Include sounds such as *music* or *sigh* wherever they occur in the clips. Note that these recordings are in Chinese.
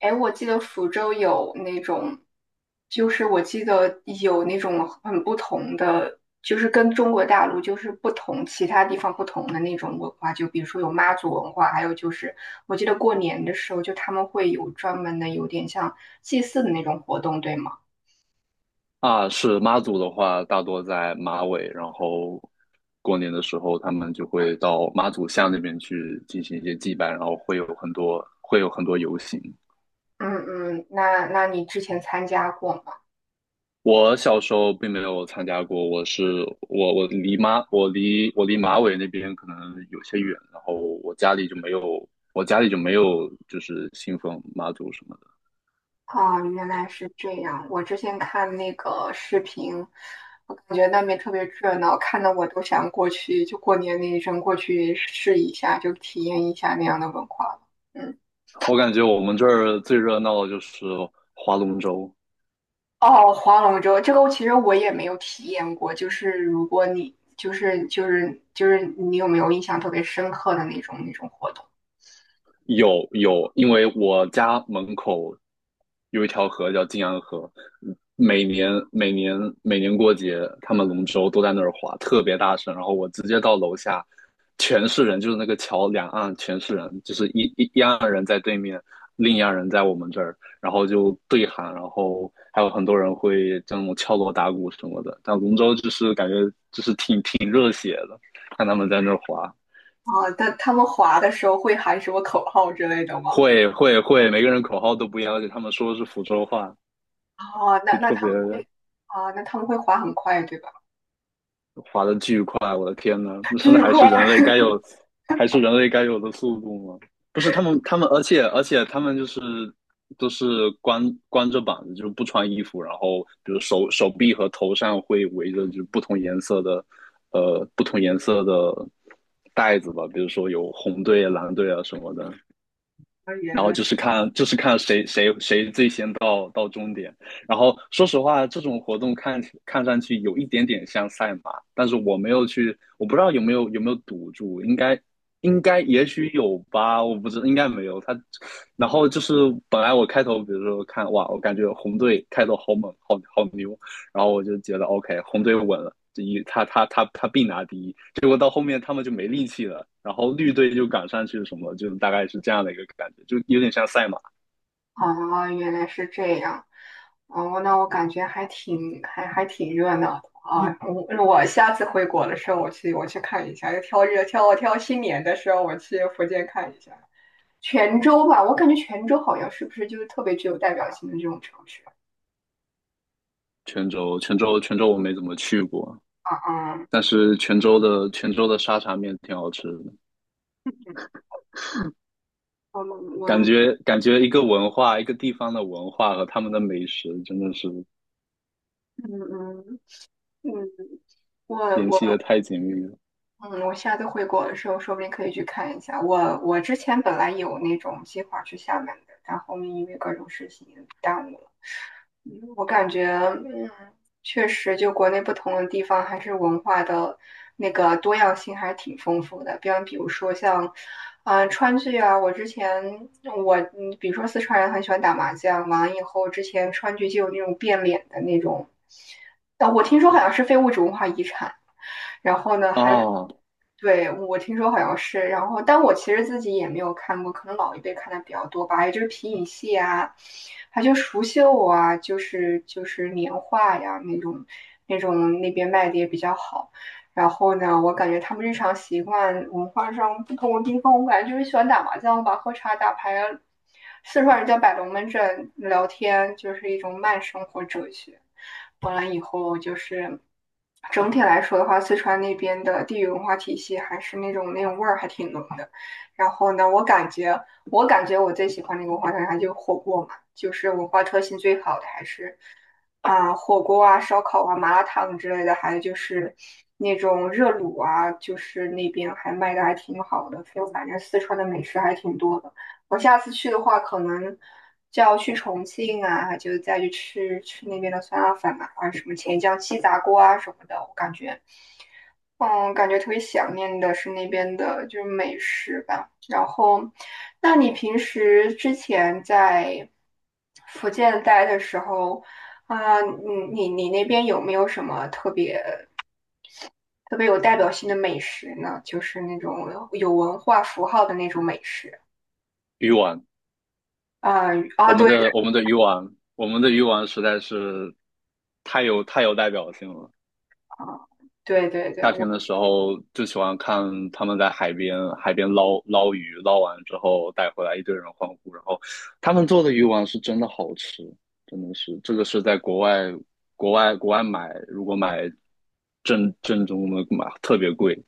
哎，我记得福州有那种，就是我记得有那种很不同的，就是跟中国大陆就是不同，其他地方不同的那种文化，就比如说有妈祖文化，还有就是我记得过年的时候，就他们会有专门的有点像祭祀的那种活动，对吗？啊，是妈祖的话，大多在马尾，然后过年的时候，他们就会到妈祖像那边去进行一些祭拜，然后会有很多游行。嗯嗯，那你之前参加过吗？我小时候并没有参加过，我是我我离妈我离我离马尾那边可能有些远，然后我家里就没有就是信奉妈祖什么的。啊，原来是这样。我之前看那个视频，我感觉那边特别热闹，看得我都想过去，就过年那一阵过去试一下，就体验一下那样的文化了。嗯。我感觉我们这儿最热闹的就是划龙舟。哦，划龙舟这个其实我也没有体验过，就是如果你你有没有印象特别深刻的那种活动？有有，因为我家门口有一条河叫晋阳河，每年每年每年过节，他们龙舟都在那儿划，特别大声。然后我直接到楼下，全是人，就是那个桥两岸全是人，就是一岸人在对面，另一岸人在我们这儿，然后就对喊，然后还有很多人会这种敲锣打鼓什么的。但龙舟就是感觉看他们在那儿划。啊？但他们划的时候会喊什么口号之类的吗？会会会，每个人口号都不一样，而且他们说的是福州话。哦，那就那特他别们会。啊，那他们会划很快，对吧？滑的巨快，我的天呐，那真的巨快。还是人类该有的速度吗？不是他们，他们，而且他们就是都是光着膀子，就是不穿衣服，然后比如手臂和头上会围着就是不同颜色的，呃，不同颜色的袋子吧，比如说有红队、蓝队啊什么的。*laughs* 原然后来。就是看谁最先到终点。然后说实话，这种活动看上去有一点点像赛马，但是我没有去，我不知道有没有赌注，应该应该也许有吧，我不知道应该没有。他，然后就是本来我开头比如说看哇，我感觉红队开头好猛，好牛，然后我就觉得 OK,红队稳了，第一他必拿第一。结果到后面他们就没力气了，然后绿队就赶上去什么，就大概是这样的一个感觉，就有点像赛马。哦，原来是这样。哦，那我感觉还挺热闹的啊！我我下次回国的时候，我去看一下，要挑日挑挑新年的时候，我去福建看一下泉州吧。我感觉泉州好像是不是就是特别具有代表性的这种城市？泉州我没怎么去过，啊？啊，但是泉州的沙茶面挺好吃的，嗯，我我。感觉一个文化，一个地方的文化和他们的美食真的是嗯嗯嗯，我联我系的太紧密了嗯，我下次回国的时候，说不定可以去看一下。我之前本来有那种计划去厦门的，但后面因为各种事情耽误了。我感觉，嗯，确实，就国内不同的地方，还是文化的那个多样性还是挺丰富的。比如说像，嗯、川剧啊，我之前我，嗯，比如说四川人很喜欢打麻将，完了以后，之前川剧就有那种变脸的那种，我听说好像是非物质文化遗产。然后呢，还。啊！对，我听说好像是，然后但我其实自己也没有看过，可能老一辈看的比较多吧，也就是皮影戏啊，还就蜀绣啊，就是年画呀那种，那种那边卖的也比较好。然后呢，我感觉他们日常习惯、文化上不同的地方，我感觉就是喜欢打麻将吧、喝茶、打牌啊，四川人叫摆龙门阵，聊天就是一种慢生活哲学。完了以后，就是整体来说的话，四川那边的地域文化体系还是那种味儿还挺浓的。然后呢，我感觉我最喜欢那个文化特产就是火锅嘛，就是文化特性最好的还是啊、火锅啊、烧烤啊、麻辣烫之类的，还有就是那种热卤啊，就是那边还卖的还挺好的。就反正四川的美食还挺多的。我下次去的话，可能就要去重庆啊，就再去吃吃那边的酸辣粉啊，还有什么黔江鸡杂锅啊什么的。我感觉，嗯，感觉特别想念的是那边的，就是美食吧。然后，那你平时之前在福建待的时候，啊、你你那边有没有什么特别有代表性的美食呢？就是那种有文化符号的那种美食。鱼丸，啊、啊，对，对。我们的鱼丸，我们的鱼丸实在是太有代表性了。啊，对对对，夏我，天的时候就喜欢看他们在海边捞鱼，捞完之后带回来，一堆人欢呼。然后他们做的鱼丸是真的好吃，真的是这个是在国外买，如果买正宗的买特别贵，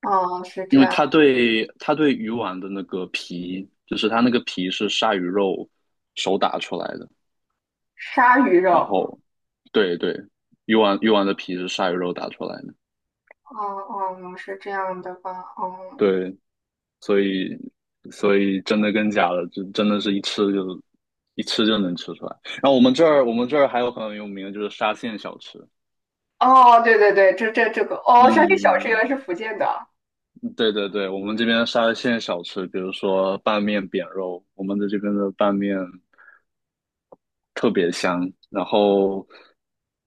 嗯，是因这为样。它对鱼丸的那个皮，就是它那个皮是鲨鱼肉手打出来的，鲨鱼然肉。后对对，鱼丸的皮是鲨鱼肉打出来的，嗯嗯，是这样的吧，嗯。对。所以真的跟假的，就真的是一吃就能吃出来。然后我们这儿还有很有名的就是沙县小吃。哦，对对对，这这个哦，山区小吃嗯，原来是福建的，啊，嗯对对对，我们这边沙县小吃，比如说拌面扁肉，我们的这边的拌面特别香。然后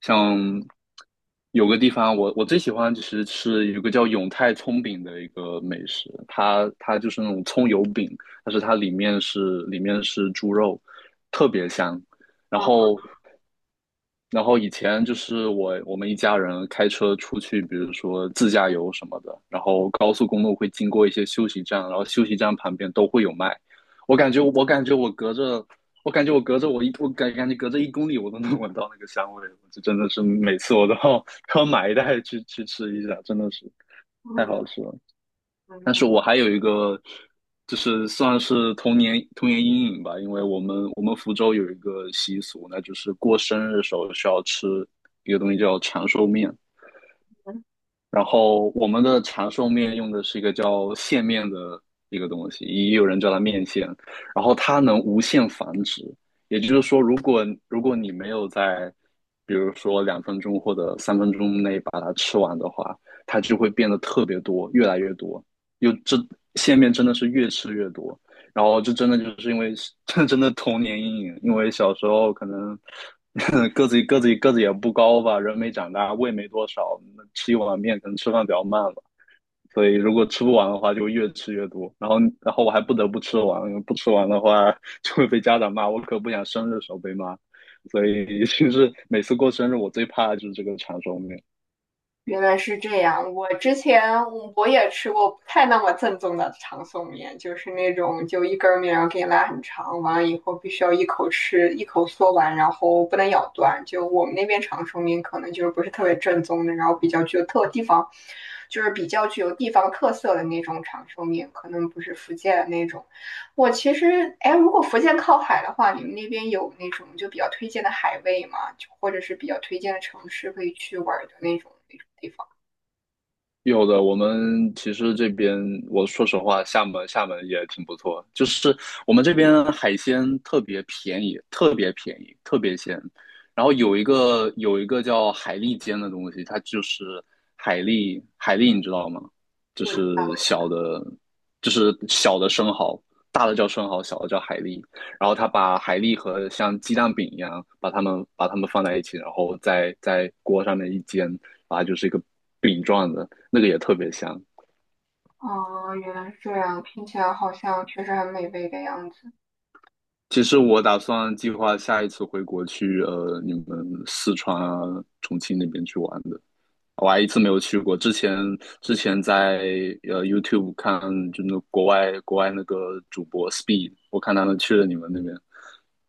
像有个地方我最喜欢就是吃有个叫永泰葱饼的一个美食，它就是那种葱油饼，但是它里面是里面是猪肉，特别香。然后以前就是我们一家人开车出去，比如说自驾游什么的，然后高速公路会经过一些休息站，然后休息站旁边都会有卖。我感觉我感觉我隔着，我感觉我隔着我一我感感觉隔着1公里我都能 *laughs* 闻到那个香味，这真的是每次我都要 *laughs* 都要买一袋去吃一下，真的是太嗯好吃了。但是嗯，我还有一个，就是算是童年阴影吧，因为我们福州有一个习俗，那就是过生日的时候需要吃一个东西叫长寿面，嗯。然后我们的长寿面用的是一个叫线面的一个东西，也有人叫它面线。然后它能无限繁殖，也就是说，如果你没有在，比如说2分钟或者3分钟内把它吃完的话，它就会变得特别多，越来越多。又这线面真的是越吃越多，然后就真的就是因为这 *laughs* 真的童年阴影，因为小时候可能 *laughs* 个子也不高吧，人没长大，胃没多少，那吃一碗面可能吃饭比较慢了，所以如果吃不完的话，就越吃越多，然后我还不得不吃完，因为不吃完的话 *laughs* 就会被家长骂，我可不想生日的时候被骂，所以其是每次过生日我最怕的就是这个长寿面。原来是这样。我之前我也吃过不太那么正宗的长寿面，就是那种就一根儿面，然后给你拉很长，完了以后必须要一口吃，一口嗦完，然后不能咬断。就我们那边长寿面可能就是不是特别正宗的，然后比较具有特地方，就是比较具有地方特色的那种长寿面，可能不是福建的那种。我其实，哎，如果福建靠海的话，你们那边有那种就比较推荐的海味吗？就或者是比较推荐的城市可以去玩儿的那种地方？有的，我们其实这边，我说实话，厦门也挺不错，就是我们这边海鲜特别便宜，特别便宜，特别鲜。然后有一个叫海蛎煎的东西，它就是海蛎，海蛎你知道吗？就我。是小的，就是小的生蚝，大的叫生蚝，小的叫海蛎。然后他把海蛎和像鸡蛋饼一样，把它们放在一起，然后在锅上面一煎。啊，就是一个饼状的，那个也特别香。哦，原来是这样，听起来好像确实很美味的样子。其实我打算计划下一次回国去你们四川啊、重庆那边去玩的，我还一次没有去过。之前在YouTube 看，就那国外那个主播 Speed,我看他们去了你们那边，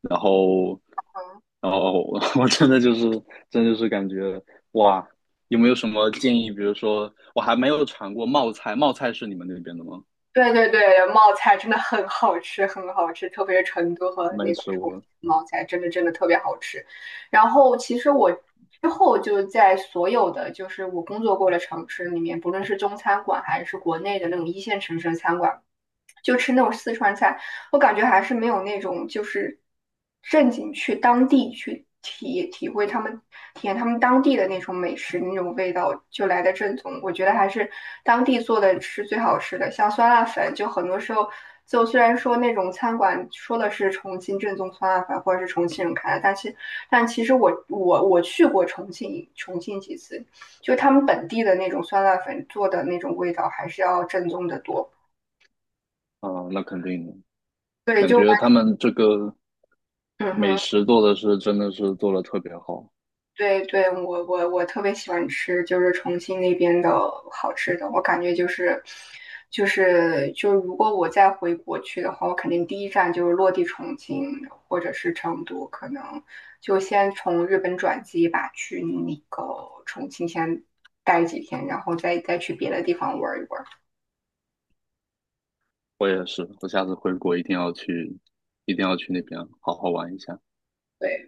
然后嗯，然后我 *laughs* 我真的就是真的就是感觉哇，有没有什么建议？比如说我还没有尝过冒菜，冒菜是你们那边的吗？对对对，冒菜真的很好吃，很好吃，特别是成都和没那个吃重过。庆冒菜，真的真的特别好吃。然后其实我之后就在所有的就是我工作过的城市里面，不论是中餐馆还是国内的那种一线城市的餐馆。就吃那种四川菜，我感觉还是没有那种就是正经去当地去体会他们体验他们当地的那种美食那种味道就来的正宗。我觉得还是当地做的是最好吃的，像酸辣粉，就很多时候就虽然说那种餐馆说的是重庆正宗酸辣粉或者是重庆人开的，但是但其实我我去过重庆几次，就他们本地的那种酸辣粉做的那种味道还是要正宗的多。啊，那肯定的，对，感就。觉他们这个嗯美哼，食做的是做的特别好。对对，我我特别喜欢吃，就是重庆那边的好吃的。我感觉就是，就是就如果我再回国去的话，我肯定第一站就是落地重庆或者是成都，可能就先从日本转机吧，去那个重庆先待几天，然后再去别的地方玩一玩。我也是，我下次回国一定要去，一定要去那边好好玩一下。对。